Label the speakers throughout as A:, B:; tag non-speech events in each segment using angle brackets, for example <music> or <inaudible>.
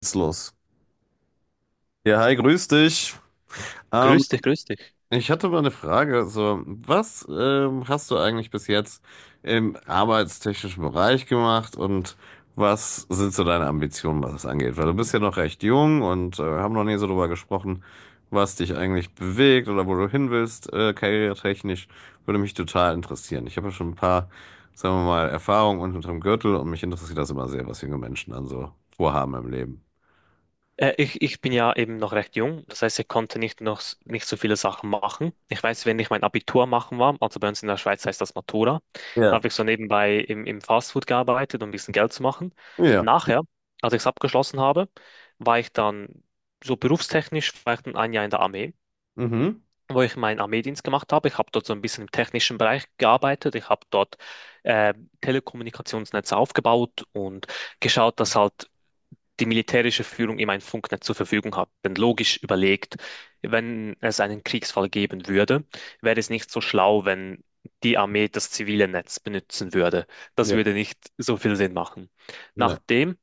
A: Geht's los. Ja, hi, grüß dich. Ähm,
B: Grüß dich, grüß dich.
A: ich hatte mal eine Frage. So, was hast du eigentlich bis jetzt im arbeitstechnischen Bereich gemacht und was sind so deine Ambitionen, was das angeht? Weil du bist ja noch recht jung und haben noch nie so drüber gesprochen, was dich eigentlich bewegt oder wo du hin willst, karrieretechnisch. Würde mich total interessieren. Ich habe ja schon ein paar, sagen wir mal, Erfahrungen unterm Gürtel und mich interessiert das immer sehr, was junge Menschen dann so vorhaben im Leben.
B: Ich bin ja eben noch recht jung, das heißt, ich konnte nicht noch s- nicht so viele Sachen machen. Ich weiß, wenn ich mein Abitur machen war, also bei uns in der Schweiz heißt das Matura,
A: Ja.
B: habe ich so nebenbei im Fastfood gearbeitet, um ein bisschen Geld zu machen.
A: Ja.
B: Nachher, als ich es abgeschlossen habe, war ich dann war ich dann ein Jahr in der Armee,
A: Mhm.
B: wo ich meinen Armeedienst gemacht habe. Ich habe dort so ein bisschen im technischen Bereich gearbeitet. Ich habe dort äh, Telekommunikationsnetze aufgebaut und geschaut, dass halt die militärische Führung ihm ein Funknetz zur Verfügung hat. Denn logisch überlegt, wenn es einen Kriegsfall geben würde, wäre es nicht so schlau, wenn die Armee das zivile Netz benutzen würde. Das würde nicht so viel Sinn machen.
A: Nee.
B: Nachdem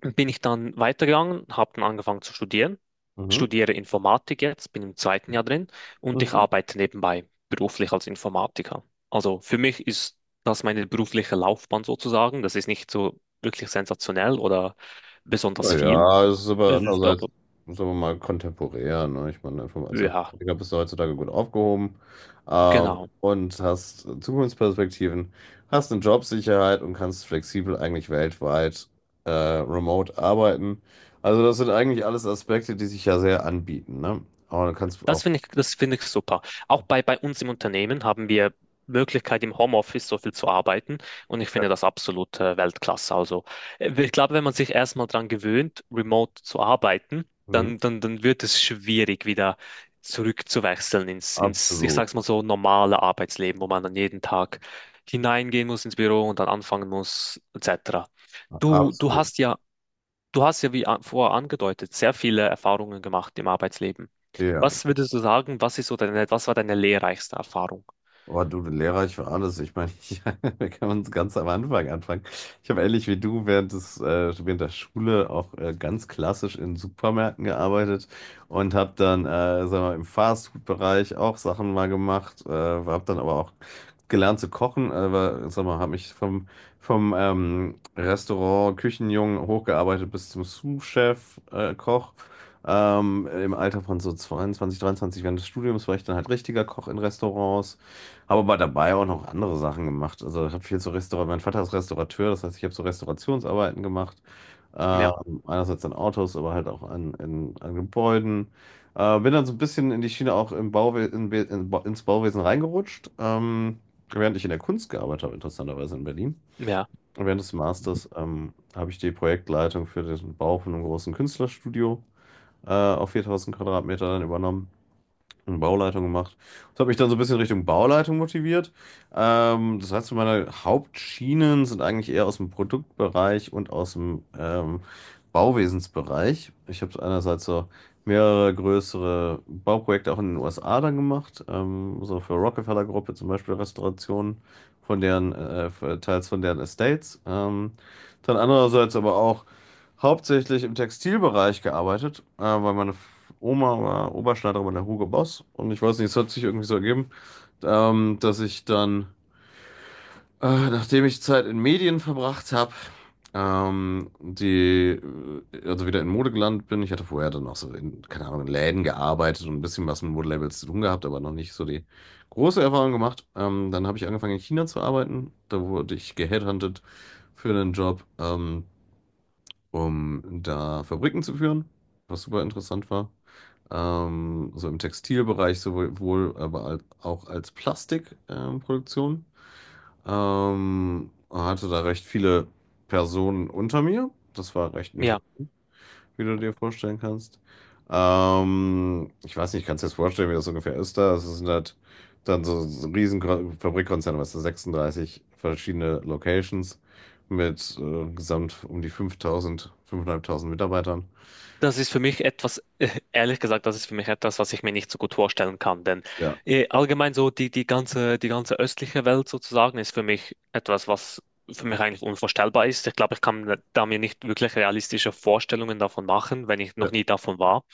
B: bin ich dann weitergegangen, habe dann angefangen zu studieren,
A: Mhm.
B: studiere Informatik jetzt, bin im zweiten Jahr drin und ich
A: Mhm.
B: arbeite nebenbei beruflich als Informatiker. Also für mich ist das meine berufliche Laufbahn sozusagen. Das ist nicht so wirklich sensationell oder besonders
A: Na
B: viel.
A: ja, es ist aber
B: Es ist
A: andererseits,
B: aber,
A: sagen wir mal, kontemporär. Ne? Ich meine, als
B: ja,
A: Informatiker bist du heutzutage gut aufgehoben, ähm,
B: genau.
A: und hast Zukunftsperspektiven, hast eine Jobsicherheit und kannst flexibel eigentlich weltweit remote arbeiten. Also das sind eigentlich alles Aspekte, die sich ja sehr anbieten. Ne? Aber du kannst
B: Das
A: auch,
B: finde ich, das finde ich super. Auch bei uns im Unternehmen haben wir Möglichkeit, im Homeoffice so viel zu arbeiten. Und ich finde das absolut Weltklasse. Also, ich glaube, wenn man sich erstmal daran gewöhnt, remote zu arbeiten,
A: mhm.
B: dann wird es schwierig, wieder zurückzuwechseln ins, ich
A: Absolut,
B: sag's mal so, normale Arbeitsleben, wo man dann jeden Tag hineingehen muss ins Büro und dann anfangen muss, etc. Du, du
A: absolut.
B: hast ja Du hast ja, wie vorher angedeutet, sehr viele Erfahrungen gemacht im Arbeitsleben.
A: Ja,
B: Was würdest du sagen, was ist so deine, was war deine lehrreichste Erfahrung?
A: oh, du Lehrer, ich war alles. Ich meine, <laughs> wir können uns ganz am Anfang anfangen. Ich habe ähnlich wie du während der Schule auch ganz klassisch in Supermärkten gearbeitet und habe dann, sagen wir, im Fastfood-Bereich auch Sachen mal gemacht, habe dann aber auch gelernt zu kochen, aber sag mal, habe mich vom, vom Restaurant Küchenjungen hochgearbeitet bis zum Sous-Chef, Koch. Im Alter von so 22, 23 während des Studiums war ich dann halt richtiger Koch in Restaurants. Habe aber dabei auch noch andere Sachen gemacht. Also ich habe viel zu Restaurant. Mein Vater ist Restaurateur, das heißt, ich habe so Restaurationsarbeiten gemacht.
B: Ja,
A: Einerseits an Autos, aber halt auch an Gebäuden. Bin dann so ein bisschen in die Schiene auch im Bauwe in, Be- in, Ba- ins Bauwesen reingerutscht, während ich in der Kunst gearbeitet habe, interessanterweise in Berlin.
B: ja,
A: Und während des Masters habe ich die Projektleitung für den Bau von einem großen Künstlerstudio auf 4000 Quadratmeter dann übernommen und Bauleitung gemacht. Das hat mich dann so ein bisschen Richtung Bauleitung motiviert. Das heißt, meine Hauptschienen sind eigentlich eher aus dem Produktbereich und aus dem Bauwesensbereich. Ich habe einerseits so mehrere größere Bauprojekte auch in den USA dann gemacht, so für Rockefeller Gruppe zum Beispiel Restaurationen von deren, teils von deren Estates. Dann andererseits aber auch hauptsächlich im Textilbereich gearbeitet, weil meine Oma war Oberschneiderin bei der Hugo Boss und ich weiß nicht, es hat sich irgendwie so ergeben, dass ich dann, nachdem ich Zeit in Medien verbracht habe, ähm, die, also wieder in Mode gelandet bin. Ich hatte vorher dann auch so keine Ahnung, in Läden gearbeitet und ein bisschen was mit Modelabels zu tun gehabt, aber noch nicht so die große Erfahrung gemacht. Dann habe ich angefangen in China zu arbeiten. Da wurde ich geheadhuntet für einen Job. Um da Fabriken zu führen, was super interessant war. So im Textilbereich sowohl, aber auch als Plastikproduktion. Hatte da recht viele Personen unter mir. Das war recht
B: ja.
A: interessant, wie du dir vorstellen kannst. Ich weiß nicht, kannst du dir das vorstellen, wie das ungefähr ist da? Das sind halt dann so ein riesen Fabrikkonzern, was da 36 verschiedene Locations mit gesamt um die 5000, 5.500 Mitarbeitern.
B: Das ist für mich etwas, ehrlich gesagt, das ist für mich etwas, was ich mir nicht so gut vorstellen kann. Denn
A: Ja,
B: allgemein so die ganze östliche Welt sozusagen ist für mich etwas, was für mich eigentlich unvorstellbar ist. Ich glaube, ich kann da mir nicht wirklich realistische Vorstellungen davon machen, wenn ich
A: ja,
B: noch nie davon war.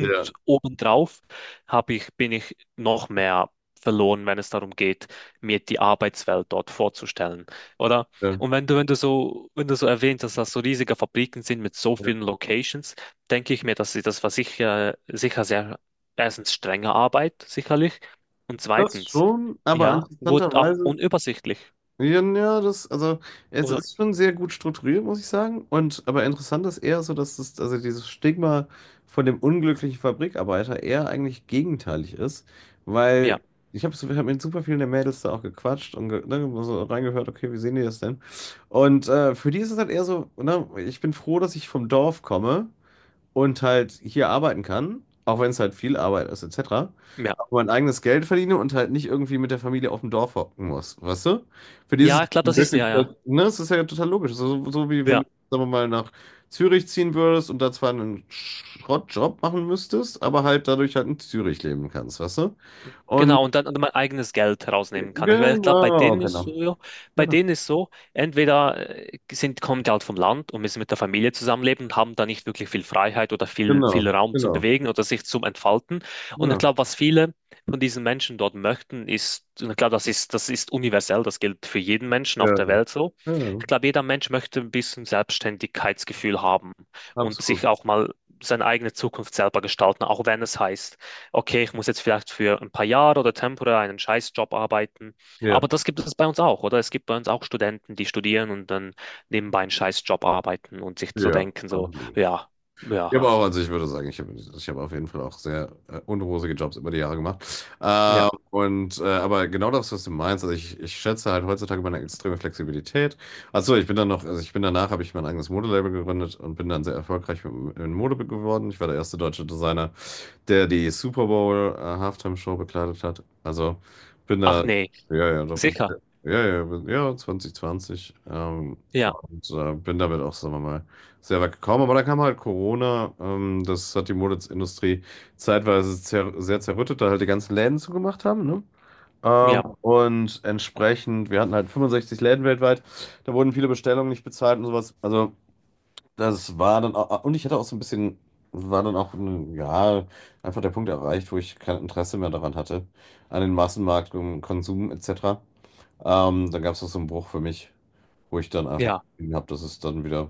A: ja.
B: obendrauf bin ich noch mehr verloren, wenn es darum geht, mir die Arbeitswelt dort vorzustellen. Oder?
A: Ja.
B: Und wenn du so erwähnt hast, dass das so riesige Fabriken sind mit so
A: Ja.
B: vielen Locations, denke ich mir, dass sie das war sicher, sicher sehr, erstens strenge Arbeit, sicherlich. Und
A: Das
B: zweitens,
A: schon, aber
B: ja, wurde auch
A: interessanterweise,
B: unübersichtlich.
A: ja, ja, also, es
B: Oder,
A: ist schon sehr gut strukturiert, muss ich sagen. Und, aber interessant ist eher so, dass das, also dieses Stigma von dem unglücklichen Fabrikarbeiter eher eigentlich gegenteilig ist,
B: ja,
A: weil ich hab mit super vielen der Mädels da auch gequatscht und ne, so reingehört, okay, wie sehen die das denn? Und für die ist es halt eher so, ne, ich bin froh, dass ich vom Dorf komme und halt hier arbeiten kann, auch wenn es halt viel Arbeit ist, etc.
B: ja.
A: Aber mein eigenes Geld verdiene und halt nicht irgendwie mit der Familie auf dem Dorf hocken muss, weißt du? Für die ist es
B: Ja,
A: ja
B: klar, das ist,
A: wirklich,
B: ja, ja.
A: ne, es ist ja total logisch. So wie wenn
B: Ja.
A: du, sagen wir mal, nach Zürich ziehen würdest und da zwar einen Schrottjob machen müsstest, aber halt dadurch halt in Zürich leben kannst, weißt du? Und
B: Genau, und dann mein eigenes Geld herausnehmen kann. Weil ich glaube, bei
A: genau,
B: denen ist so,
A: genau,
B: ja, bei
A: genau,
B: denen ist so, entweder kommen die halt vom Land und müssen mit der Familie zusammenleben und haben da nicht wirklich viel Freiheit oder viel
A: genau,
B: Raum zum
A: genau,
B: Bewegen oder sich zum Entfalten. Und ich
A: genau,
B: glaube, was viele von diesen Menschen dort möchten, ist, und ich glaube, das ist universell, das gilt für jeden Menschen
A: ja,
B: auf der Welt so.
A: ja, ja,
B: Ich glaube, jeder Mensch möchte ein bisschen Selbstständigkeitsgefühl haben und sich
A: absolut,
B: auch mal seine eigene Zukunft selber gestalten, auch wenn es heißt, okay, ich muss jetzt vielleicht für ein paar Jahre oder temporär einen Scheißjob arbeiten.
A: ja,
B: Aber das gibt es bei uns auch, oder? Es gibt bei uns auch Studenten, die studieren und dann nebenbei einen Scheißjob arbeiten und sich so
A: ja,
B: denken, so,
A: absolut.
B: ja,
A: Ich
B: ja,
A: habe auch, also ich würde sagen, ich hab auf jeden Fall auch sehr unrosige Jobs über die Jahre gemacht.
B: ja.
A: Und aber genau das, was du meinst, also ich schätze halt heutzutage meine extreme Flexibilität. Achso, ich bin dann noch, also ich bin danach, habe ich mein eigenes Modelabel gegründet und bin dann sehr erfolgreich in Mode geworden. Ich war der erste deutsche Designer, der die Super Bowl Halftime Show bekleidet hat. Also bin
B: Ach
A: da,
B: nee,
A: ja, ja, doch,
B: sicher.
A: ja, ja, ja, 2020. Ähm,
B: Ja,
A: und äh, bin damit auch, sagen wir mal, sehr weit gekommen. Aber da kam halt Corona. Das hat die Modeindustrie zeitweise zer sehr zerrüttet, da halt die ganzen Läden zugemacht haben, ne?
B: ja,
A: Und entsprechend, wir hatten halt 65 Läden weltweit. Da wurden viele Bestellungen nicht bezahlt und sowas. Also das war dann auch, und ich hatte auch so ein bisschen, war dann auch, ja, einfach der Punkt erreicht, wo ich kein Interesse mehr daran hatte, an den Massenmarkt, um Konsum etc. Dann gab es auch so einen Bruch für mich, wo ich dann einfach
B: ja,
A: habe, dass es dann wieder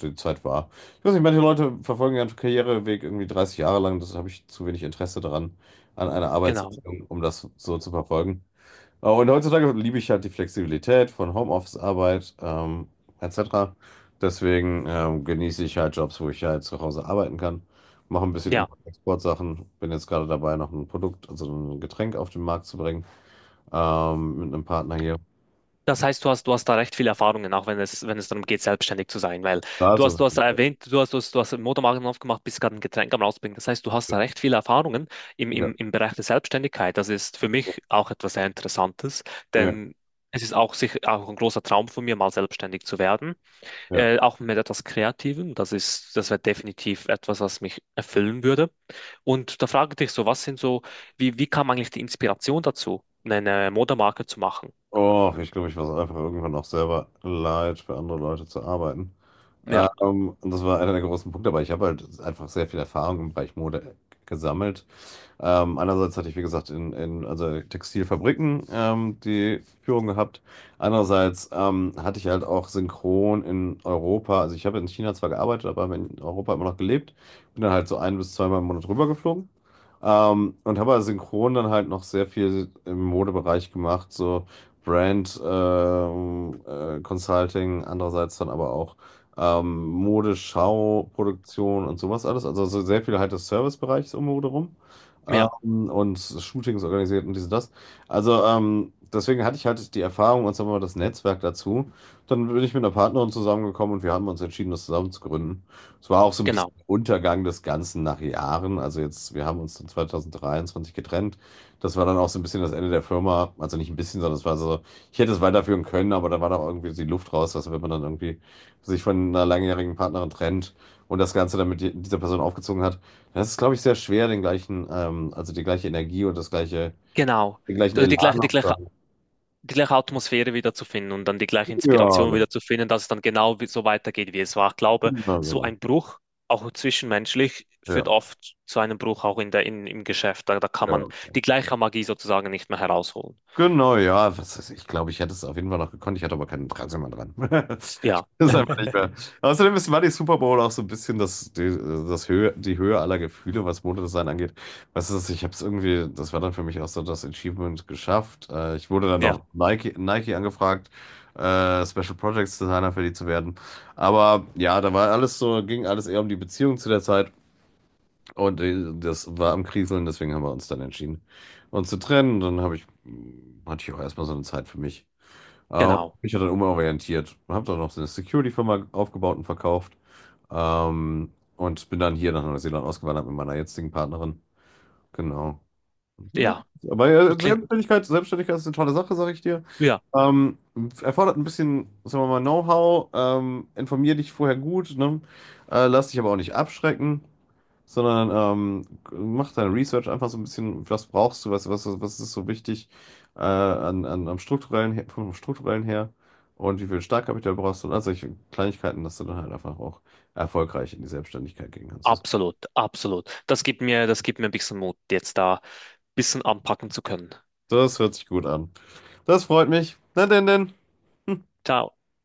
A: die Zeit war. Ich weiß nicht, manche Leute verfolgen ihren Karriereweg irgendwie 30 Jahre lang, das habe ich zu wenig Interesse daran, an einer
B: genau.
A: Arbeitsrichtung, um das so zu verfolgen. Und heutzutage liebe ich halt die Flexibilität von Homeoffice-Arbeit, etc. Deswegen genieße ich halt Jobs, wo ich halt zu Hause arbeiten kann. Mache ein bisschen
B: Ja.
A: Import- und Exportsachen. Bin jetzt gerade dabei, noch ein Produkt, also ein Getränk auf den Markt zu bringen, mit einem Partner hier.
B: Das heißt, du hast da recht viele Erfahrungen, auch wenn es, wenn es darum geht, selbstständig zu sein, weil
A: Also,
B: du hast erwähnt, du hast, du hast, du hast einen Motormarken aufgemacht, bist gerade ein Getränk am rausbringen. Das heißt, du hast da recht viele Erfahrungen im,
A: ja,
B: im, im Bereich der Selbstständigkeit. Das ist für mich auch etwas sehr Interessantes,
A: ja,
B: denn es ist auch sicher auch ein großer Traum von mir, mal selbstständig zu werden,
A: ja.
B: auch mit etwas Kreativem. Das wäre definitiv etwas, was mich erfüllen würde. Und da frage ich dich so, was sind so, wie kam eigentlich die Inspiration dazu, eine Modemarke zu machen?
A: Oh, ich glaube, ich war es einfach irgendwann auch selber leid, für andere Leute zu arbeiten.
B: Ja.
A: Und das war einer der großen Punkte, aber ich habe halt einfach sehr viel Erfahrung im Bereich Mode gesammelt. Andererseits hatte ich, wie gesagt, in also Textilfabriken die Führung gehabt. Andererseits hatte ich halt auch synchron in Europa, also ich habe in China zwar gearbeitet, aber habe in Europa immer noch gelebt. Bin dann halt so ein bis zweimal im Monat rübergeflogen. Und habe also synchron dann halt noch sehr viel im Modebereich gemacht, so Brand Consulting, andererseits dann aber auch Modeschau, Produktion und sowas alles. Also so sehr viel halt des Servicebereichs um Mode rum,
B: Ja.
A: und Shootings organisiert und dies und das. Also deswegen hatte ich halt die Erfahrung und sagen wir mal das Netzwerk dazu. Dann bin ich mit einer Partnerin zusammengekommen und wir haben uns entschieden, das zusammen zu gründen. Es war auch so ein bisschen
B: Genau,
A: Untergang des Ganzen nach Jahren. Also jetzt, wir haben uns dann 2023 getrennt. Das war dann auch so ein bisschen das Ende der Firma. Also nicht ein bisschen, sondern es war so, ich hätte es weiterführen können, aber da war doch irgendwie die Luft raus, was, wenn man dann irgendwie sich von einer langjährigen Partnerin trennt und das Ganze dann mit dieser Person aufgezogen hat. Das ist glaube ich, sehr schwer, also die gleiche Energie und
B: genau.
A: den gleichen
B: Also
A: Elan noch zu haben.
B: die gleiche Atmosphäre wieder zu finden und dann die
A: Ja,
B: gleiche Inspiration
A: genau.
B: wieder zu finden, dass es dann genau so weitergeht, wie es war. Ich glaube,
A: Ja,
B: so
A: genau.
B: ein Bruch, auch zwischenmenschlich, führt
A: Ja,
B: oft zu einem Bruch auch im Geschäft. Da kann
A: ja.
B: man die gleiche Magie sozusagen nicht mehr herausholen.
A: Genau, ja, was weiß ich glaube, ich hätte es auf jeden Fall noch gekonnt. Ich hatte aber kein Interesse mehr dran. <laughs>
B: Ja,
A: Ich bin es einfach nicht mehr. Außerdem war die Super Bowl auch so ein bisschen das, die Höhe aller Gefühle, was Modedesign angeht. Weißt du, ich habe es irgendwie, das war dann für mich auch so das Achievement geschafft. Ich wurde dann
B: ja,
A: noch Nike angefragt, Special Projects Designer für die zu werden. Aber ja, da war alles so, ging alles eher um die Beziehung zu der Zeit. Und das war am Kriseln, deswegen haben wir uns dann entschieden, uns zu trennen. Dann hatte ich auch erstmal so eine Zeit für mich. Äh,
B: genau.
A: ich habe dann umorientiert, habe dann noch so eine Security-Firma aufgebaut und verkauft. Ähm, und bin dann hier nach Neuseeland ausgewandert mit meiner jetzigen Partnerin. Genau. Ja,
B: Ja,
A: aber ja,
B: klingt,
A: Selbstständigkeit ist eine tolle Sache, sage ich dir.
B: ja,
A: Ähm, erfordert ein bisschen, sagen wir mal, Know-how. Informier dich vorher gut, ne? Lass dich aber auch nicht abschrecken, sondern ähm, mach deine Research einfach so ein bisschen, was brauchst du, was ist so wichtig, am strukturellen, vom strukturellen her und wie viel Startkapital brauchst du und all solche Kleinigkeiten, dass du dann halt einfach auch erfolgreich in die Selbstständigkeit gehen kannst. Das,
B: absolut, absolut. Das gibt mir ein bisschen Mut, jetzt da ein bisschen anpacken zu können.
A: das hört sich gut an. Das freut mich. Na denn, denn. <laughs>
B: Ciao.